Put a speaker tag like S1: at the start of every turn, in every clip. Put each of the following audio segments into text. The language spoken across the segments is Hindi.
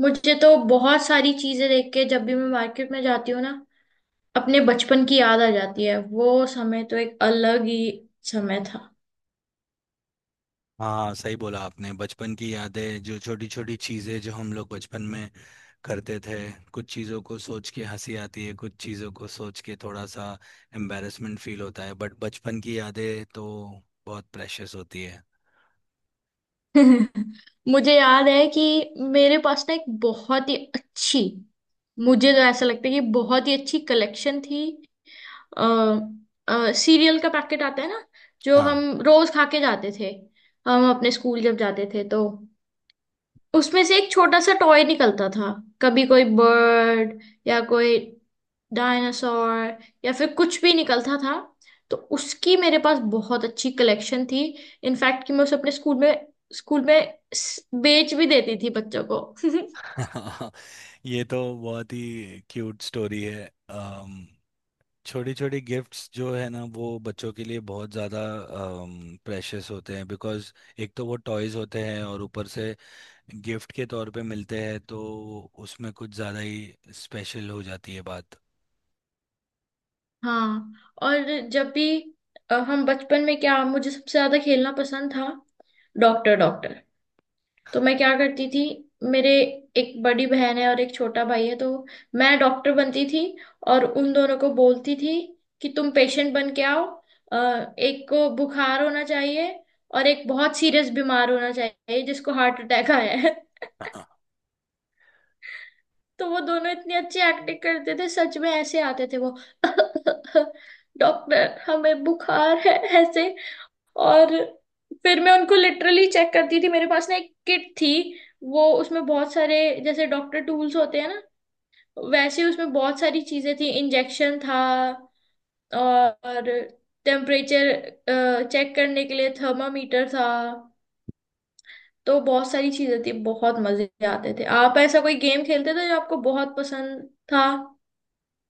S1: मुझे तो बहुत सारी चीजें देख के जब भी मैं मार्केट में जाती हूँ ना, अपने बचपन की याद आ जाती है। वो समय तो एक अलग ही समय था।
S2: हाँ, सही बोला आपने। बचपन की यादें, जो छोटी छोटी चीज़ें जो हम लोग बचपन में करते थे, कुछ चीज़ों को सोच के हंसी आती है, कुछ चीज़ों को सोच के थोड़ा सा एम्बैरेसमेंट फील होता है, बट बचपन की यादें तो बहुत प्रेशियस होती है।
S1: मुझे याद है कि मेरे पास ना एक बहुत ही अच्छी, मुझे तो ऐसा लगता है कि बहुत ही अच्छी कलेक्शन थी। अ सीरियल का पैकेट आता है ना, जो हम
S2: हाँ।
S1: रोज खा के जाते थे, हम अपने स्कूल जब जाते थे तो उसमें से एक छोटा सा टॉय निकलता था। कभी कोई बर्ड या कोई डायनासोर या फिर कुछ भी निकलता था। तो उसकी मेरे पास बहुत अच्छी कलेक्शन थी। इनफैक्ट कि मैं उसे अपने स्कूल में बेच भी देती थी बच्चों को।
S2: ये तो बहुत ही क्यूट स्टोरी है। छोटी छोटी गिफ्ट्स जो है ना, वो बच्चों के लिए बहुत ज़्यादा प्रेशियस होते हैं, बिकॉज़ एक तो वो टॉयज़ होते हैं और ऊपर से गिफ्ट के तौर पे मिलते हैं, तो उसमें कुछ ज़्यादा ही स्पेशल हो जाती है बात।
S1: हाँ। और जब भी हम बचपन में, क्या मुझे सबसे ज्यादा खेलना पसंद था? Doctor doctor. तो मैं क्या करती थी, मेरे एक बड़ी बहन है और एक छोटा भाई है, तो मैं डॉक्टर बनती थी और उन दोनों को बोलती थी कि तुम पेशेंट बन के आओ। एक को बुखार होना चाहिए और एक बहुत सीरियस बीमार होना चाहिए जिसको हार्ट अटैक आया है। तो वो दोनों इतनी अच्छी एक्टिंग करते थे, सच में ऐसे आते थे वो। डॉक्टर, हमें बुखार है, ऐसे। और फिर मैं उनको लिटरली चेक करती थी, मेरे पास ना एक किट थी। वो उसमें बहुत सारे, जैसे डॉक्टर टूल्स होते हैं ना वैसे, उसमें बहुत सारी चीजें थी। इंजेक्शन था और टेम्परेचर चेक करने के लिए थर्मामीटर था। तो बहुत सारी चीजें थी, बहुत मजे आते थे। आप ऐसा कोई गेम खेलते थे जो आपको बहुत पसंद था?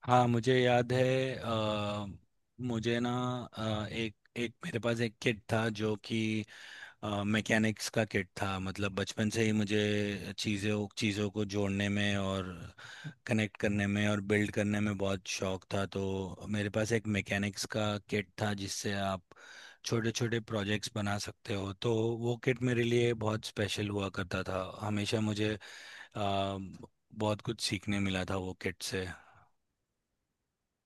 S2: हाँ, मुझे याद है। मुझे ना, एक एक मेरे पास एक किट था जो कि मैकेनिक्स का किट था। मतलब बचपन से ही मुझे चीज़ों चीज़ों को जोड़ने में और कनेक्ट करने में और बिल्ड करने में बहुत शौक था, तो मेरे पास एक मैकेनिक्स का किट था जिससे आप छोटे छोटे प्रोजेक्ट्स बना सकते हो। तो वो किट मेरे लिए बहुत स्पेशल हुआ करता था। हमेशा मुझे आ, बहुत कुछ सीखने मिला था वो किट से।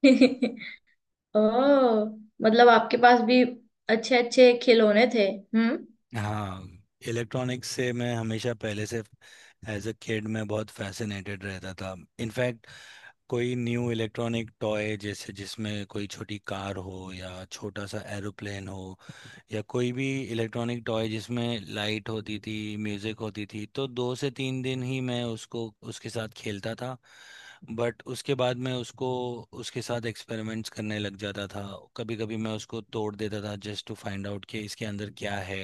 S1: ओह, मतलब आपके पास भी अच्छे अच्छे खिलौने थे। हम्म।
S2: हाँ, इलेक्ट्रॉनिक्स से मैं हमेशा पहले से, एज अ किड, मैं बहुत फैसिनेटेड रहता था। इनफैक्ट कोई न्यू इलेक्ट्रॉनिक टॉय, जैसे जिसमें कोई छोटी कार हो या छोटा सा एरोप्लेन हो या कोई भी इलेक्ट्रॉनिक टॉय जिसमें लाइट होती थी, म्यूजिक होती थी, तो दो से तीन दिन ही मैं उसको, उसके साथ खेलता था। बट उसके बाद मैं उसको, उसके साथ एक्सपेरिमेंट्स करने लग जाता था। कभी कभी मैं उसको तोड़ देता था, जस्ट टू फाइंड आउट कि इसके अंदर क्या है।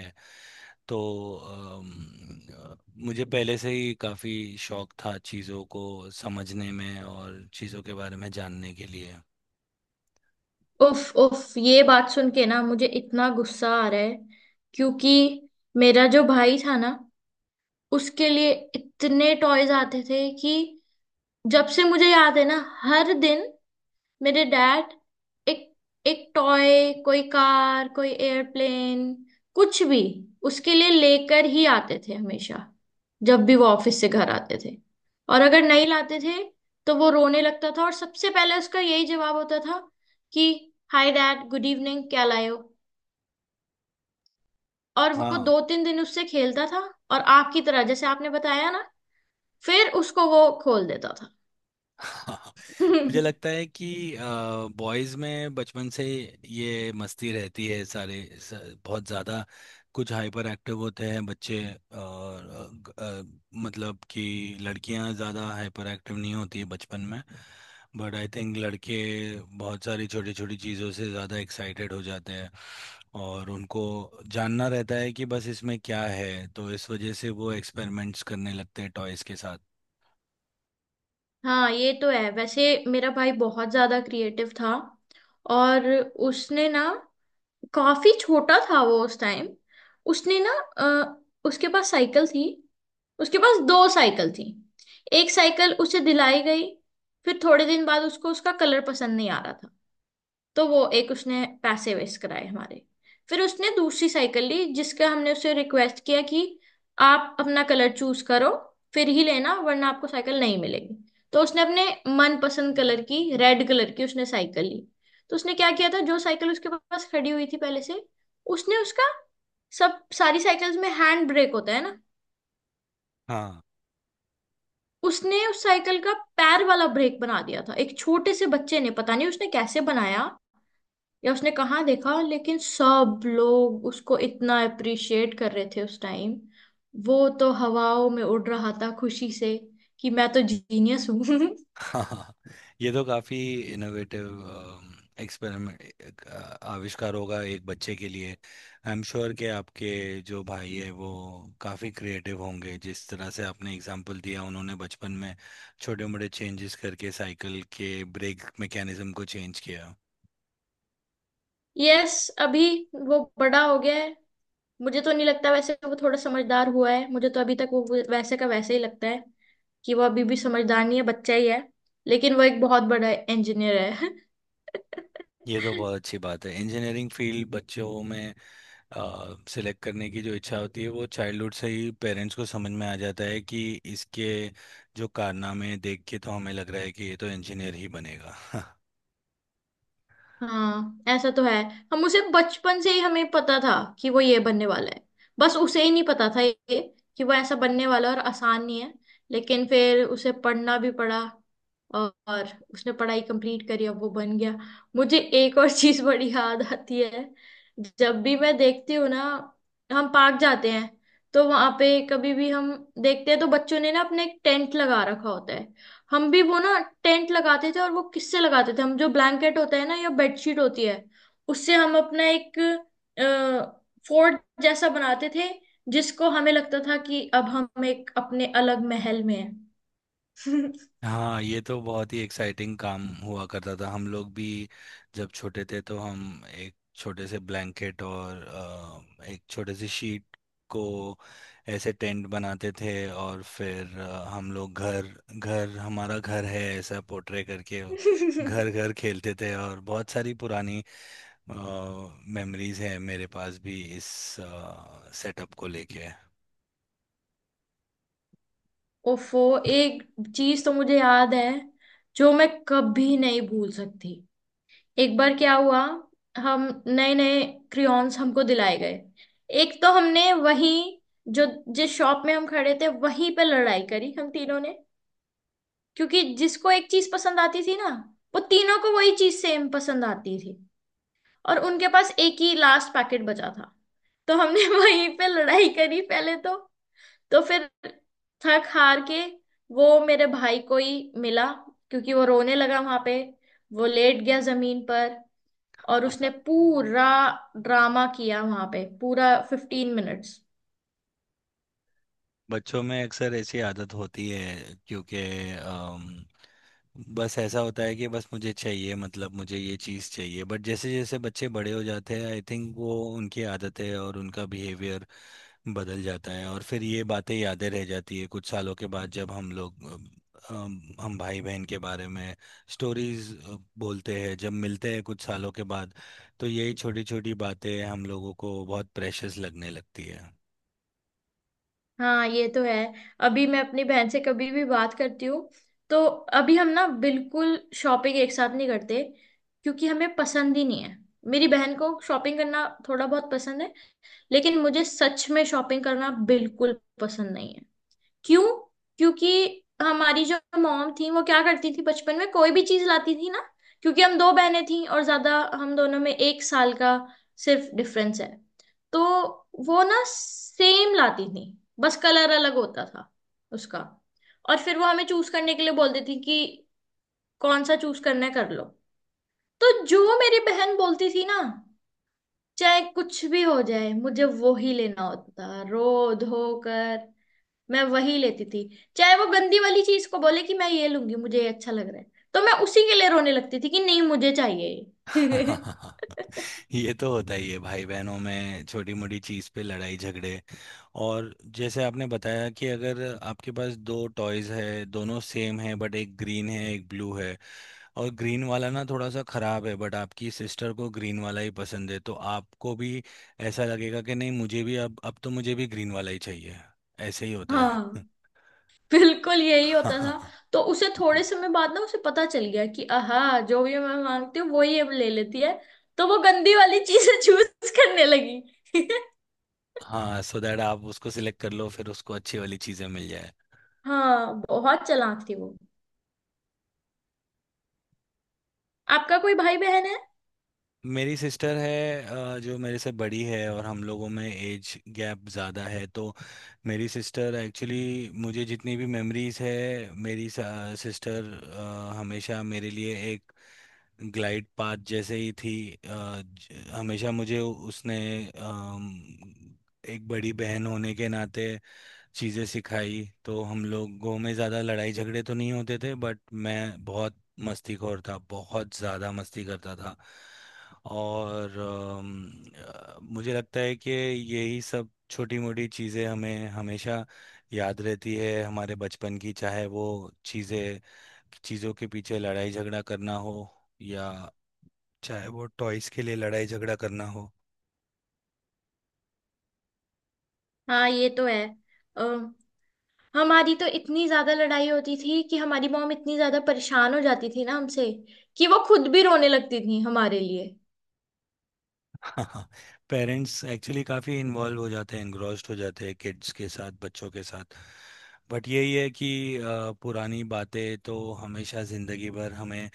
S2: तो अम, अ, मुझे पहले से ही काफ़ी शौक था चीज़ों को समझने में और चीज़ों के बारे में जानने के लिए।
S1: उफ उफ, ये बात सुन के ना मुझे इतना गुस्सा आ रहा है, क्योंकि मेरा जो भाई था ना, उसके लिए इतने टॉयज आते थे कि जब से मुझे याद है ना, हर दिन मेरे डैड एक एक टॉय, कोई कार कोई एयरप्लेन, कुछ भी उसके लिए लेकर ही आते थे हमेशा जब भी वो ऑफिस से घर आते थे। और अगर नहीं लाते थे तो वो रोने लगता था, और सबसे पहले उसका यही जवाब होता था कि हाय डैड, गुड इवनिंग, क्या लाए हो? और वो
S2: हाँ।
S1: दो तीन दिन उससे खेलता था। और आपकी तरह, जैसे आपने बताया ना, फिर उसको वो खोल देता
S2: हाँ,
S1: था।
S2: मुझे लगता है कि बॉयज में बचपन से ये मस्ती रहती है। बहुत ज़्यादा कुछ हाइपर एक्टिव होते हैं बच्चे। और मतलब कि लड़कियां ज़्यादा हाइपर एक्टिव नहीं होती है बचपन में, बट आई थिंक लड़के बहुत सारी छोटी छोटी चीज़ों से ज़्यादा एक्साइटेड हो जाते हैं और उनको जानना रहता है कि बस इसमें क्या है, तो इस वजह से वो एक्सपेरिमेंट्स करने लगते हैं टॉयज़ के साथ।
S1: हाँ ये तो है। वैसे मेरा भाई बहुत ज्यादा क्रिएटिव था, और उसने ना, काफी छोटा था वो उस टाइम, उसने ना उसके पास साइकिल थी, उसके पास दो साइकिल थी। एक साइकिल उसे दिलाई गई, फिर थोड़े दिन बाद उसको उसका कलर पसंद नहीं आ रहा था, तो वो एक उसने पैसे वेस्ट कराए हमारे। फिर उसने दूसरी साइकिल ली, जिसका हमने उसे रिक्वेस्ट किया कि आप अपना कलर चूज करो फिर ही लेना, वरना आपको साइकिल नहीं मिलेगी। तो उसने अपने मनपसंद कलर की, रेड कलर की उसने साइकिल ली। तो उसने क्या किया था, जो साइकिल उसके पास खड़ी हुई थी पहले से, उसने उसका, सब सारी साइकिल्स में हैंड ब्रेक होता है ना, उसने उस साइकिल का पैर वाला ब्रेक बना दिया था। एक छोटे से बच्चे ने, पता नहीं उसने कैसे बनाया या उसने कहाँ देखा, लेकिन सब लोग उसको इतना अप्रिशिएट कर रहे थे उस टाइम, वो तो हवाओं में उड़ रहा था खुशी से कि मैं तो जीनियस हूँ।
S2: हाँ, ये तो काफी इनोवेटिव एक्सपेरिमेंट, आविष्कार होगा एक बच्चे के लिए। आई एम श्योर कि आपके जो भाई है वो काफी क्रिएटिव होंगे। जिस तरह से आपने एग्जांपल दिया, उन्होंने बचपन में छोटे मोटे चेंजेस करके साइकिल के ब्रेक मैकेनिज्म को चेंज किया।
S1: यस, अभी वो बड़ा हो गया है। मुझे तो नहीं लगता, वैसे वो थोड़ा समझदार हुआ है, मुझे तो अभी तक वो वैसे का वैसे ही लगता है, कि वो अभी भी समझदार नहीं है, बच्चा ही है। लेकिन वो एक बहुत बड़ा इंजीनियर है।
S2: ये तो बहुत अच्छी बात है। इंजीनियरिंग फील्ड बच्चों में सेलेक्ट करने की जो इच्छा होती है, वो चाइल्डहुड से ही पेरेंट्स को समझ में आ जाता है कि इसके जो कारनामे देख के तो हमें लग रहा है कि ये तो इंजीनियर ही बनेगा।
S1: हाँ ऐसा तो है, हम उसे बचपन से ही, हमें पता था कि वो ये बनने वाला है। बस उसे ही नहीं पता था ये, कि वो ऐसा बनने वाला है और आसान नहीं है। लेकिन फिर उसे पढ़ना भी पड़ा, और उसने पढ़ाई कंप्लीट करी, अब वो बन गया। मुझे एक और चीज बड़ी याद आती है, जब भी मैं देखती हूँ ना, हम पार्क जाते हैं तो वहां पे कभी भी हम देखते हैं तो बच्चों ने ना अपने एक टेंट लगा रखा होता है। हम भी वो ना टेंट लगाते थे, और वो किससे लगाते थे, हम जो ब्लैंकेट होता है ना या बेडशीट होती है, उससे हम अपना एक फोर्ट जैसा बनाते थे, जिसको हमें लगता था कि अब हम एक अपने अलग महल में हैं।
S2: हाँ, ये तो बहुत ही एक्साइटिंग काम हुआ करता था। हम लोग भी जब छोटे थे तो हम एक छोटे से ब्लैंकेट और एक छोटे से शीट को ऐसे टेंट बनाते थे, और फिर हम लोग घर घर, हमारा घर है ऐसा पोर्ट्रे करके घर घर खेलते थे। और बहुत सारी पुरानी मेमोरीज है मेरे पास भी इस सेटअप को लेके।
S1: ओफो, एक चीज तो मुझे याद है जो मैं कभी नहीं भूल सकती। एक बार क्या हुआ, हम नए नए क्रियॉन्स हमको दिलाए गए, एक तो हमने वही, जो जिस शॉप में हम खड़े थे वहीं पे लड़ाई करी हम तीनों ने। क्योंकि जिसको एक चीज पसंद आती थी ना, वो तीनों को वही चीज सेम पसंद आती थी, और उनके पास एक ही लास्ट पैकेट बचा था। तो हमने वहीं पे लड़ाई करी पहले तो। तो फिर थक हार के वो मेरे भाई को ही मिला, क्योंकि वो रोने लगा वहां पे, वो लेट गया जमीन पर, और उसने पूरा ड्रामा किया वहां पे, पूरा 15 मिनट्स।
S2: बच्चों में अक्सर ऐसी आदत होती है, क्योंकि अम, बस ऐसा होता है कि बस मुझे चाहिए, मतलब मुझे ये चीज़ चाहिए। बट जैसे जैसे बच्चे बड़े हो जाते हैं, आई थिंक वो उनकी आदतें और उनका बिहेवियर बदल जाता है, और फिर ये बातें, यादें रह जाती है कुछ सालों के बाद, जब हम लोग हम भाई बहन के बारे में स्टोरीज बोलते हैं जब मिलते हैं कुछ सालों के बाद, तो यही छोटी छोटी बातें हम लोगों को बहुत प्रेशियस लगने लगती है।
S1: हाँ ये तो है। अभी मैं अपनी बहन से कभी भी बात करती हूँ तो, अभी हम ना बिल्कुल शॉपिंग एक साथ नहीं करते, क्योंकि हमें पसंद ही नहीं है। मेरी बहन को शॉपिंग करना थोड़ा बहुत पसंद है, लेकिन मुझे सच में शॉपिंग करना बिल्कुल पसंद नहीं है। क्यों? क्योंकि हमारी जो मॉम थी वो क्या करती थी, बचपन में कोई भी चीज लाती थी ना, क्योंकि हम दो बहनें थी और ज्यादा, हम दोनों में 1 साल का सिर्फ डिफरेंस है, तो वो ना सेम लाती थी, बस कलर अलग होता था उसका। और फिर वो हमें चूज करने के लिए बोलती थी कि कौन सा चूज करना है कर लो। तो जो मेरी बहन बोलती थी ना, चाहे कुछ भी हो जाए, मुझे वो ही लेना होता था, रो धो कर मैं वही लेती थी। चाहे वो गंदी वाली चीज को बोले कि मैं ये लूंगी, मुझे ये अच्छा लग रहा है, तो मैं उसी के लिए रोने लगती थी कि नहीं मुझे चाहिए ये।
S2: ये तो होता ही है भाई बहनों में, छोटी मोटी चीज पे लड़ाई झगड़े। और जैसे आपने बताया कि अगर आपके पास दो टॉयज है, दोनों सेम है बट एक ग्रीन है एक ब्लू है, और ग्रीन वाला ना थोड़ा सा खराब है, बट आपकी सिस्टर को ग्रीन वाला ही पसंद है, तो आपको भी ऐसा लगेगा कि नहीं, मुझे भी अब तो मुझे भी ग्रीन वाला ही चाहिए। ऐसे ही होता
S1: हाँ
S2: है।
S1: बिल्कुल यही होता था।
S2: हाँ।
S1: तो उसे थोड़े समय बाद ना उसे पता चल गया कि आहा, जो भी मैं मांगती हूँ वो ही अब ले लेती है, तो वो गंदी वाली चीजें चूज करने लगी।
S2: हाँ, सो दैट आप उसको सिलेक्ट कर लो, फिर उसको अच्छी वाली चीज़ें मिल जाए।
S1: हाँ बहुत चालाक थी वो। आपका कोई भाई बहन है?
S2: मेरी सिस्टर है जो मेरे से बड़ी है, और हम लोगों में एज गैप ज़्यादा है। तो मेरी सिस्टर एक्चुअली, मुझे जितनी भी मेमोरीज है, मेरी सिस्टर हमेशा मेरे लिए एक ग्लाइड पाथ जैसे ही थी। हमेशा मुझे उसने, अम, एक बड़ी बहन होने के नाते चीज़ें सिखाई। तो हम लोगों में ज़्यादा लड़ाई झगड़े तो नहीं होते थे, बट मैं बहुत मस्तीखोर था, बहुत ज़्यादा मस्ती करता था। और मुझे लगता है कि यही सब छोटी मोटी चीज़ें हमें हमेशा याद रहती है हमारे बचपन की, चाहे वो चीज़ें, चीज़ों के पीछे लड़ाई झगड़ा करना हो, या चाहे वो टॉयज़ के लिए लड़ाई झगड़ा करना हो।
S1: हाँ ये तो है, हमारी तो इतनी ज्यादा लड़ाई होती थी कि हमारी मॉम इतनी ज्यादा परेशान हो जाती थी ना हमसे, कि वो खुद भी रोने लगती थी हमारे लिए।
S2: हाँ, पेरेंट्स एक्चुअली काफ़ी इन्वॉल्व हो जाते हैं, इंग्रॉस्ड हो जाते हैं किड्स के साथ, बच्चों के साथ। बट यही है कि पुरानी बातें तो हमेशा ज़िंदगी भर हमें,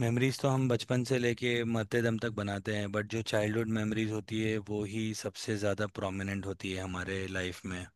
S2: मेमोरीज तो हम बचपन से लेके मरते दम तक बनाते हैं, बट जो चाइल्डहुड मेमोरीज होती है वो ही सबसे ज़्यादा प्रोमिनेंट होती है हमारे लाइफ में।